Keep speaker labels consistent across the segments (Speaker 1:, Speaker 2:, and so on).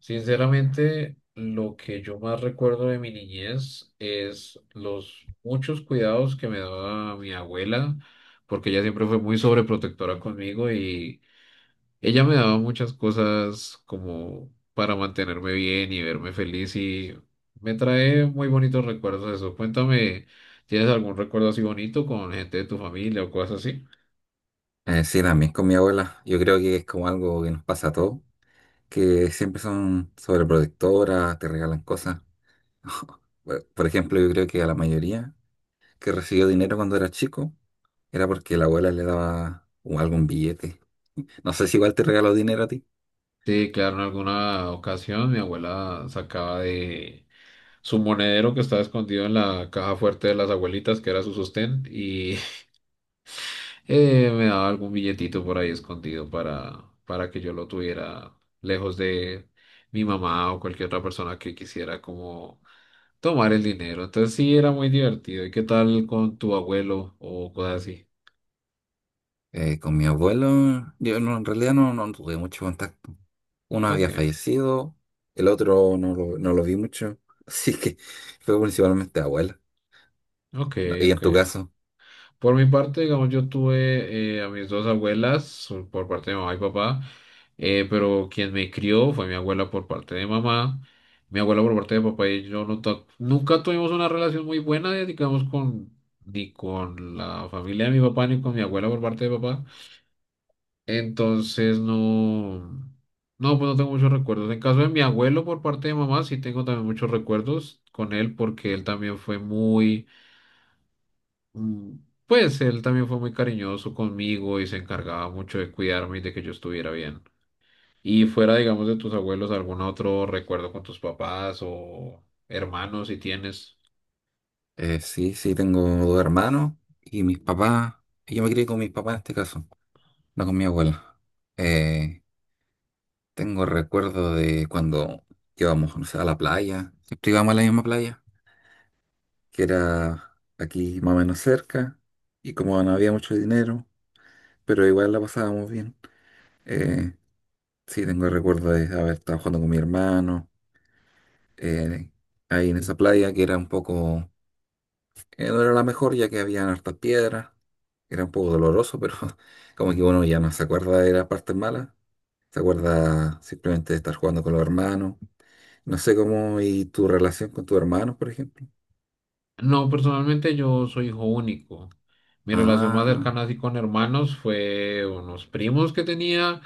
Speaker 1: Sinceramente, lo que yo más recuerdo de mi niñez es los muchos cuidados que me daba mi abuela, porque ella siempre fue muy sobreprotectora conmigo y ella me daba muchas cosas como para mantenerme bien y verme feliz y me trae muy bonitos recuerdos de eso. Cuéntame, ¿tienes algún recuerdo así bonito con gente de tu familia o cosas así?
Speaker 2: Sí, también con mi abuela. Yo creo que es como algo que nos pasa a todos, que siempre son sobreprotectoras, te regalan cosas. Por ejemplo, yo creo que a la mayoría que recibió dinero cuando era chico era porque la abuela le daba algún billete. No sé si igual te regaló dinero a ti.
Speaker 1: Sí, claro, en alguna ocasión mi abuela sacaba de su monedero que estaba escondido en la caja fuerte de las abuelitas, que era su sostén, y me daba algún billetito por ahí escondido para que yo lo tuviera lejos de mi mamá o cualquier otra persona que quisiera como tomar el dinero. Entonces sí, era muy divertido. ¿Y qué tal con tu abuelo o cosas así?
Speaker 2: Con mi abuelo, yo no- en realidad no, no tuve mucho contacto. Uno
Speaker 1: Ok,
Speaker 2: había fallecido, el otro no lo vi mucho. Así que fue principalmente abuela.
Speaker 1: ok,
Speaker 2: No, y en
Speaker 1: ok.
Speaker 2: tu caso.
Speaker 1: Por mi parte, digamos, yo tuve a mis dos abuelas o por parte de mamá y papá, pero quien me crió fue mi abuela por parte de mamá. Mi abuela por parte de papá y yo nunca tuvimos una relación muy buena, digamos, con ni con la familia de mi papá ni con mi abuela por parte de papá. Entonces no, no, pues no tengo muchos recuerdos. En caso de mi abuelo por parte de mamá, sí tengo también muchos recuerdos con él porque él también fue muy... Mm. Pues él también fue muy cariñoso conmigo y se encargaba mucho de cuidarme y de que yo estuviera bien. Y fuera, digamos, de tus abuelos, ¿algún otro recuerdo con tus papás o hermanos si tienes?
Speaker 2: Sí, sí, tengo 2 hermanos y mis papás. Yo me crié con mis papás en este caso, no con mi abuela. Eh, Tengo recuerdo de cuando íbamos, no sé, a la playa. Siempre íbamos a la misma playa, que era aquí más o menos cerca. Y como no había mucho dinero, pero igual la pasábamos bien. Eh, sí, tengo recuerdo de haber estado jugando con mi hermano eh, ahí en esa playa que era un poco que no era la mejor ya que había hartas piedras, era un poco doloroso, pero como que uno ya no se acuerda de las partes malas, se acuerda simplemente de estar jugando con los hermanos, no sé cómo, y tu relación con tus hermanos, por ejemplo.
Speaker 1: No, personalmente yo soy hijo único. Mi relación más
Speaker 2: Ah,
Speaker 1: cercana así con hermanos fue unos primos que tenía,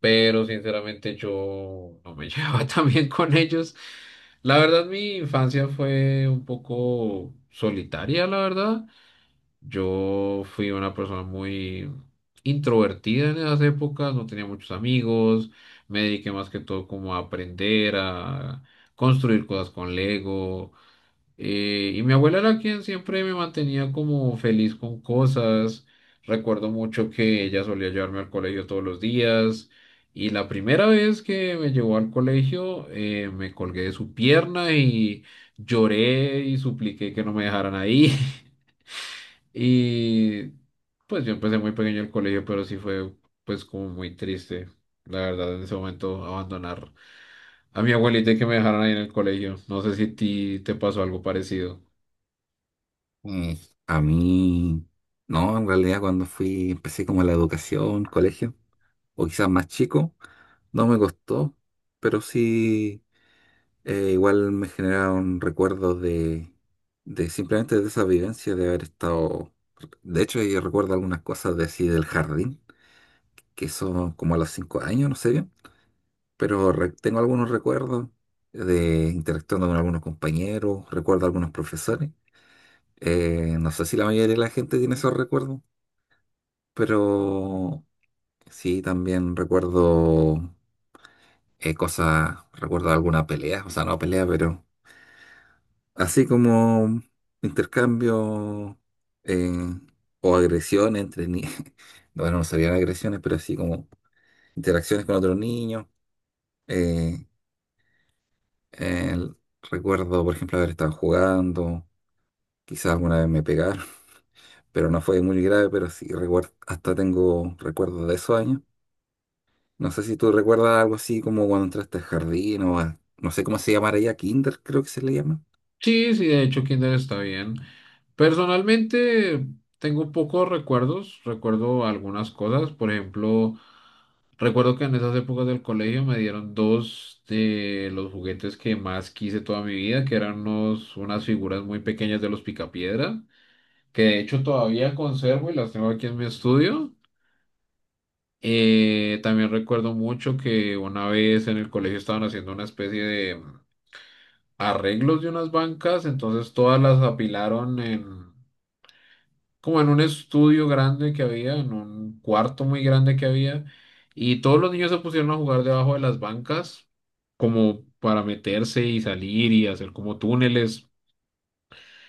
Speaker 1: pero sinceramente yo no me llevaba tan bien con ellos. La verdad, mi infancia fue un poco solitaria, la verdad. Yo fui una persona muy introvertida en esas épocas, no tenía muchos amigos, me dediqué más que todo como a aprender, a construir cosas con Lego. Y mi abuela era quien siempre me mantenía como feliz con cosas. Recuerdo mucho que ella solía llevarme al colegio todos los días. Y la primera vez que me llevó al colegio, me colgué de su pierna y lloré y supliqué que no me dejaran ahí. Y pues yo empecé muy pequeño el colegio, pero sí fue pues como muy triste, la verdad, en ese momento abandonar a mi abuelita y que me dejaron ahí en el colegio. No sé si a ti te pasó algo parecido.
Speaker 2: eh, a mí, no, en realidad cuando fui, empecé como la educación, colegio, o quizás más chico, no me costó, pero sí. Igual me generaron recuerdos de simplemente de esa vivencia de haber estado. De hecho, yo recuerdo algunas cosas de así del jardín, que son como a los 5 años, no sé bien, pero tengo algunos recuerdos de interactuando con algunos compañeros, recuerdo algunos profesores. No sé si la mayoría de la gente tiene esos recuerdos, pero sí, también recuerdo cosas, recuerdo alguna pelea, o sea, no pelea, pero así como intercambio eh, o agresiones entre niños. Bueno, no serían agresiones, pero así como interacciones con otros niños. Eh, el- Recuerdo, por ejemplo, haber estado jugando. Quizás alguna vez me pegaron, pero no fue muy grave, pero sí recuerdo, hasta tengo recuerdos de esos años. No sé si tú recuerdas algo así como cuando entraste al jardín o no sé cómo se llamará ya, kinder creo que se le llama.
Speaker 1: Sí, sí, de hecho kinder está bien. Personalmente tengo pocos recuerdos, recuerdo algunas cosas, por ejemplo, recuerdo que en esas épocas del colegio me dieron dos de los juguetes que más quise toda mi vida, que eran unas figuras muy pequeñas de los Picapiedra, que de hecho todavía conservo y las tengo aquí en mi estudio. También recuerdo mucho que una vez en el colegio estaban haciendo una especie de arreglos de unas bancas, entonces todas las apilaron en como en un estudio grande que había, en un cuarto muy grande que había, y todos los niños se pusieron a jugar debajo de las bancas como para meterse y salir y hacer como túneles.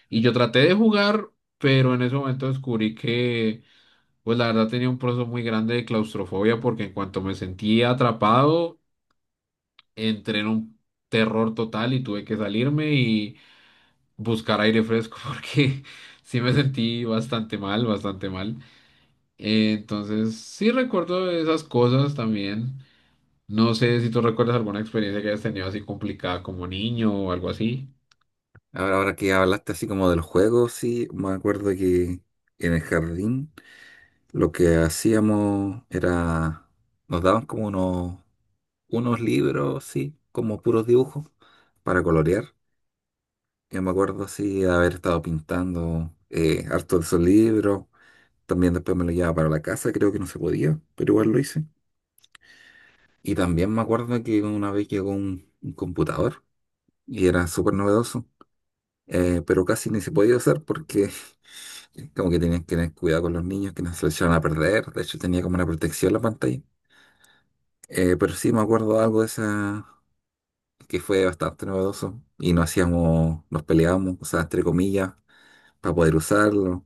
Speaker 1: Y yo traté de jugar, pero en ese momento descubrí que... Pues la verdad tenía un proceso muy grande de claustrofobia porque en cuanto me sentí atrapado, entré en un terror total y tuve que salirme y buscar aire fresco porque sí me sentí bastante mal, bastante mal. Entonces sí recuerdo esas cosas también. No sé si tú recuerdas alguna experiencia que hayas tenido así complicada como niño o algo así.
Speaker 2: Ahora que hablaste así como de los juegos, sí, me acuerdo que en el jardín lo que hacíamos era, nos daban como unos libros, sí, como puros dibujos para colorear. Yo me acuerdo así de haber estado pintando harto de esos libros. También después me lo llevaba para la casa, creo que no se podía, pero igual lo hice. Y también me acuerdo que una vez llegó un computador y era súper novedoso, pero casi ni se podía usar porque como que tenían que tener cuidado con los niños que no se los echaban a perder. De hecho, tenía como una protección la pantalla. Pero sí me acuerdo de algo de esa que fue bastante novedoso. Y nos hacíamos, nos peleábamos, o sea, entre comillas, para poder usarlo.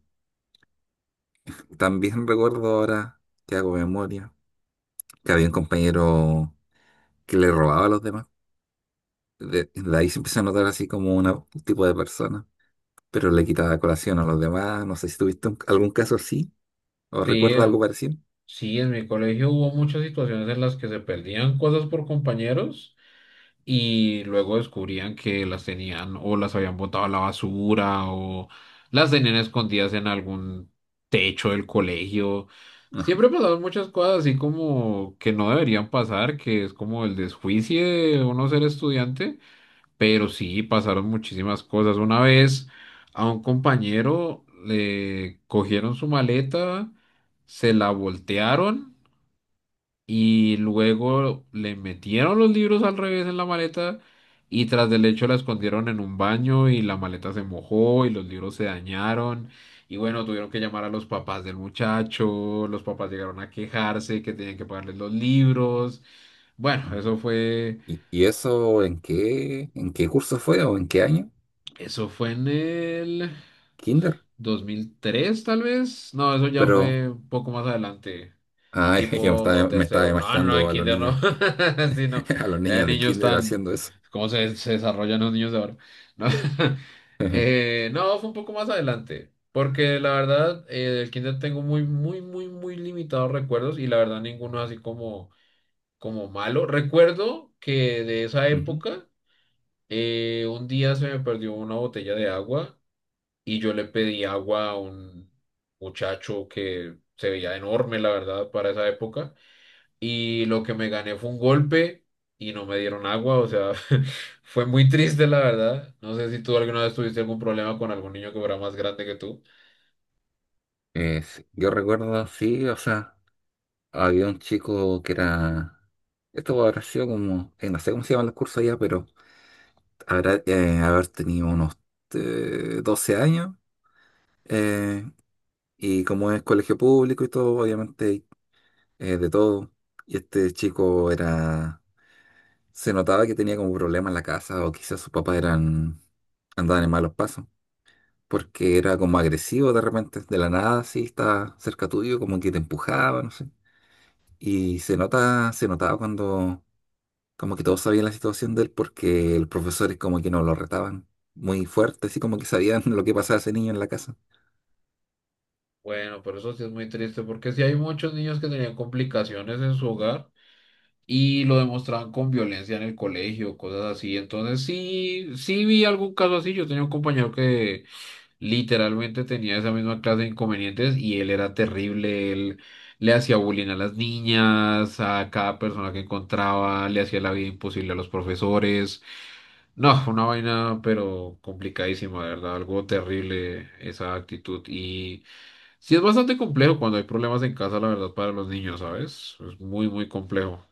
Speaker 2: También recuerdo ahora que hago memoria, que había un compañero que le robaba a los demás. De ahí se empezó a notar así como un tipo de persona, pero le quitaba colación a los demás. No sé si tuviste algún caso así o
Speaker 1: Sí,
Speaker 2: recuerdas algo
Speaker 1: en-
Speaker 2: parecido.
Speaker 1: sí, en mi colegio hubo muchas situaciones en las que se perdían cosas por compañeros, y luego descubrían que las tenían o las habían botado a la basura o las tenían escondidas en algún techo del colegio. Siempre pasaban muchas cosas así como que no deberían pasar, que es como el desjuicio de uno ser estudiante, pero sí pasaron muchísimas cosas. Una vez a un compañero le cogieron su maleta, se la voltearon y luego le metieron los libros al revés en la maleta y tras del hecho la escondieron en un baño y la maleta se mojó y los libros se dañaron. Y bueno, tuvieron que llamar a los papás del muchacho, los papás llegaron a quejarse que tenían que pagarles los libros. Bueno,
Speaker 2: Ajá.
Speaker 1: eso fue,
Speaker 2: ¿ Y eso en en qué curso fue o en qué año?
Speaker 1: Eso fue en el
Speaker 2: ¿Kinder?
Speaker 1: 2003 tal vez. No, eso ya
Speaker 2: Pero,
Speaker 1: fue un poco más adelante.
Speaker 2: ay, ya me
Speaker 1: Tipo
Speaker 2: me estaba
Speaker 1: tercero. No, no, en
Speaker 2: imaginando a los
Speaker 1: kinder
Speaker 2: niños,
Speaker 1: no. Sí, no.
Speaker 2: a los niños de
Speaker 1: Niños
Speaker 2: Kinder
Speaker 1: tan...
Speaker 2: haciendo eso.
Speaker 1: ¿Cómo se, se desarrollan los niños de ahora? No. No, fue un poco más adelante. Porque la verdad, del kinder tengo muy, muy, muy, muy limitados recuerdos y la verdad ninguno así como, como malo. Recuerdo que de esa
Speaker 2: Ujú.
Speaker 1: época, un día se me perdió una botella de agua y yo le pedí agua a un muchacho que se veía enorme, la verdad, para esa época, y lo que me gané fue un golpe y no me dieron agua, o sea, fue muy triste la verdad. No sé si tú alguna vez tuviste algún problema con algún niño que fuera más grande que tú.
Speaker 2: Sí, yo recuerdo, sí, o sea, había un chico que era, esto habrá sido como, no sé cómo se llaman los cursos allá, pero habrá haber tenido unos 12 años, eh, y como es colegio público y todo, obviamente de todo, y este chico era, se notaba que tenía como problemas en la casa o quizás sus papás eran, andaban en malos pasos, porque era como agresivo de repente, de la nada, así, estaba cerca tuyo, como que te empujaba, no sé. Se notaba cuando como que todos sabían la situación de él porque los profesores como que no lo retaban muy fuerte, así como que sabían lo que pasaba a ese niño en la casa.
Speaker 1: Bueno, pero eso sí es muy triste porque sí hay muchos niños que tenían complicaciones en su hogar y lo demostraban con violencia en el colegio, cosas así. Entonces sí, sí vi algún caso así. Yo tenía un compañero que literalmente tenía esa misma clase de inconvenientes y él era terrible, él le hacía bullying a las niñas, a cada persona que encontraba, le hacía la vida imposible a los profesores. No, fue una vaina, pero complicadísima, de verdad, algo terrible esa actitud. Y sí es bastante complejo cuando hay problemas en casa, la verdad, para los niños, ¿sabes? Es muy, muy complejo.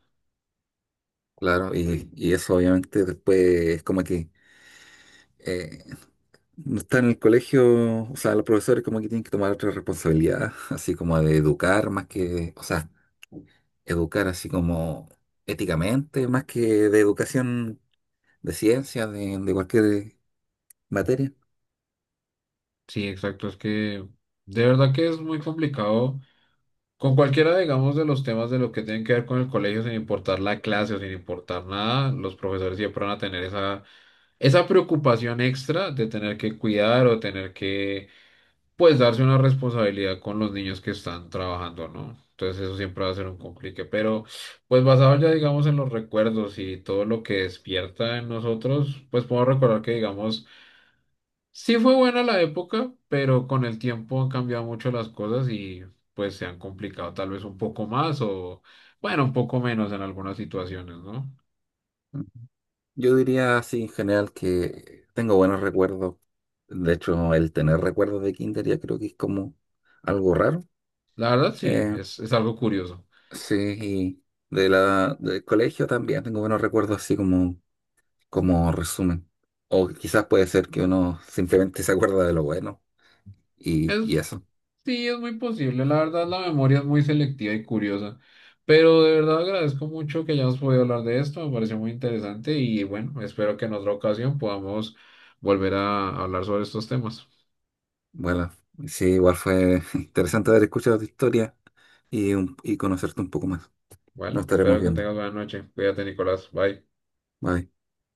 Speaker 2: Claro, y eso obviamente después es como que eh, no está en el colegio, o sea, los profesores como que tienen que tomar otra responsabilidad, así como de educar más que, o sea, educar así como éticamente, más que de educación de ciencia, de cualquier materia.
Speaker 1: Sí, exacto, es que de verdad que es muy complicado. Con cualquiera, digamos, de los temas de lo que tienen que ver con el colegio, sin importar la clase o sin importar nada, los profesores siempre van a tener esa preocupación extra de tener que cuidar o tener que, pues, darse una responsabilidad con los niños que están trabajando, ¿no? Entonces eso siempre va a ser un complique, pero pues basado ya, digamos, en los recuerdos y todo lo que despierta en nosotros, pues podemos recordar que, digamos, sí fue buena la época, pero con el tiempo han cambiado mucho las cosas y pues se han complicado tal vez un poco más o, bueno, un poco menos en algunas situaciones, ¿no?
Speaker 2: Yo diría así en general que tengo buenos recuerdos. De hecho, el tener recuerdos de kinder ya creo que es como algo raro.
Speaker 1: La verdad sí,
Speaker 2: Eh,
Speaker 1: es algo curioso.
Speaker 2: sí, y de del colegio también tengo buenos recuerdos así como como resumen. O quizás puede ser que uno simplemente se acuerda de lo bueno y
Speaker 1: Es,
Speaker 2: eso.
Speaker 1: sí, es muy posible, la verdad la memoria es muy selectiva y curiosa, pero de verdad agradezco mucho que hayamos podido hablar de esto, me pareció muy interesante y bueno, espero que en otra ocasión podamos volver a hablar sobre estos temas.
Speaker 2: Bueno, sí, igual fue interesante haber escuchado tu historia y, y conocerte un poco más. Nos
Speaker 1: Bueno,
Speaker 2: estaremos
Speaker 1: espero que
Speaker 2: viendo.
Speaker 1: tengas buena noche. Cuídate, Nicolás. Bye.
Speaker 2: Bye.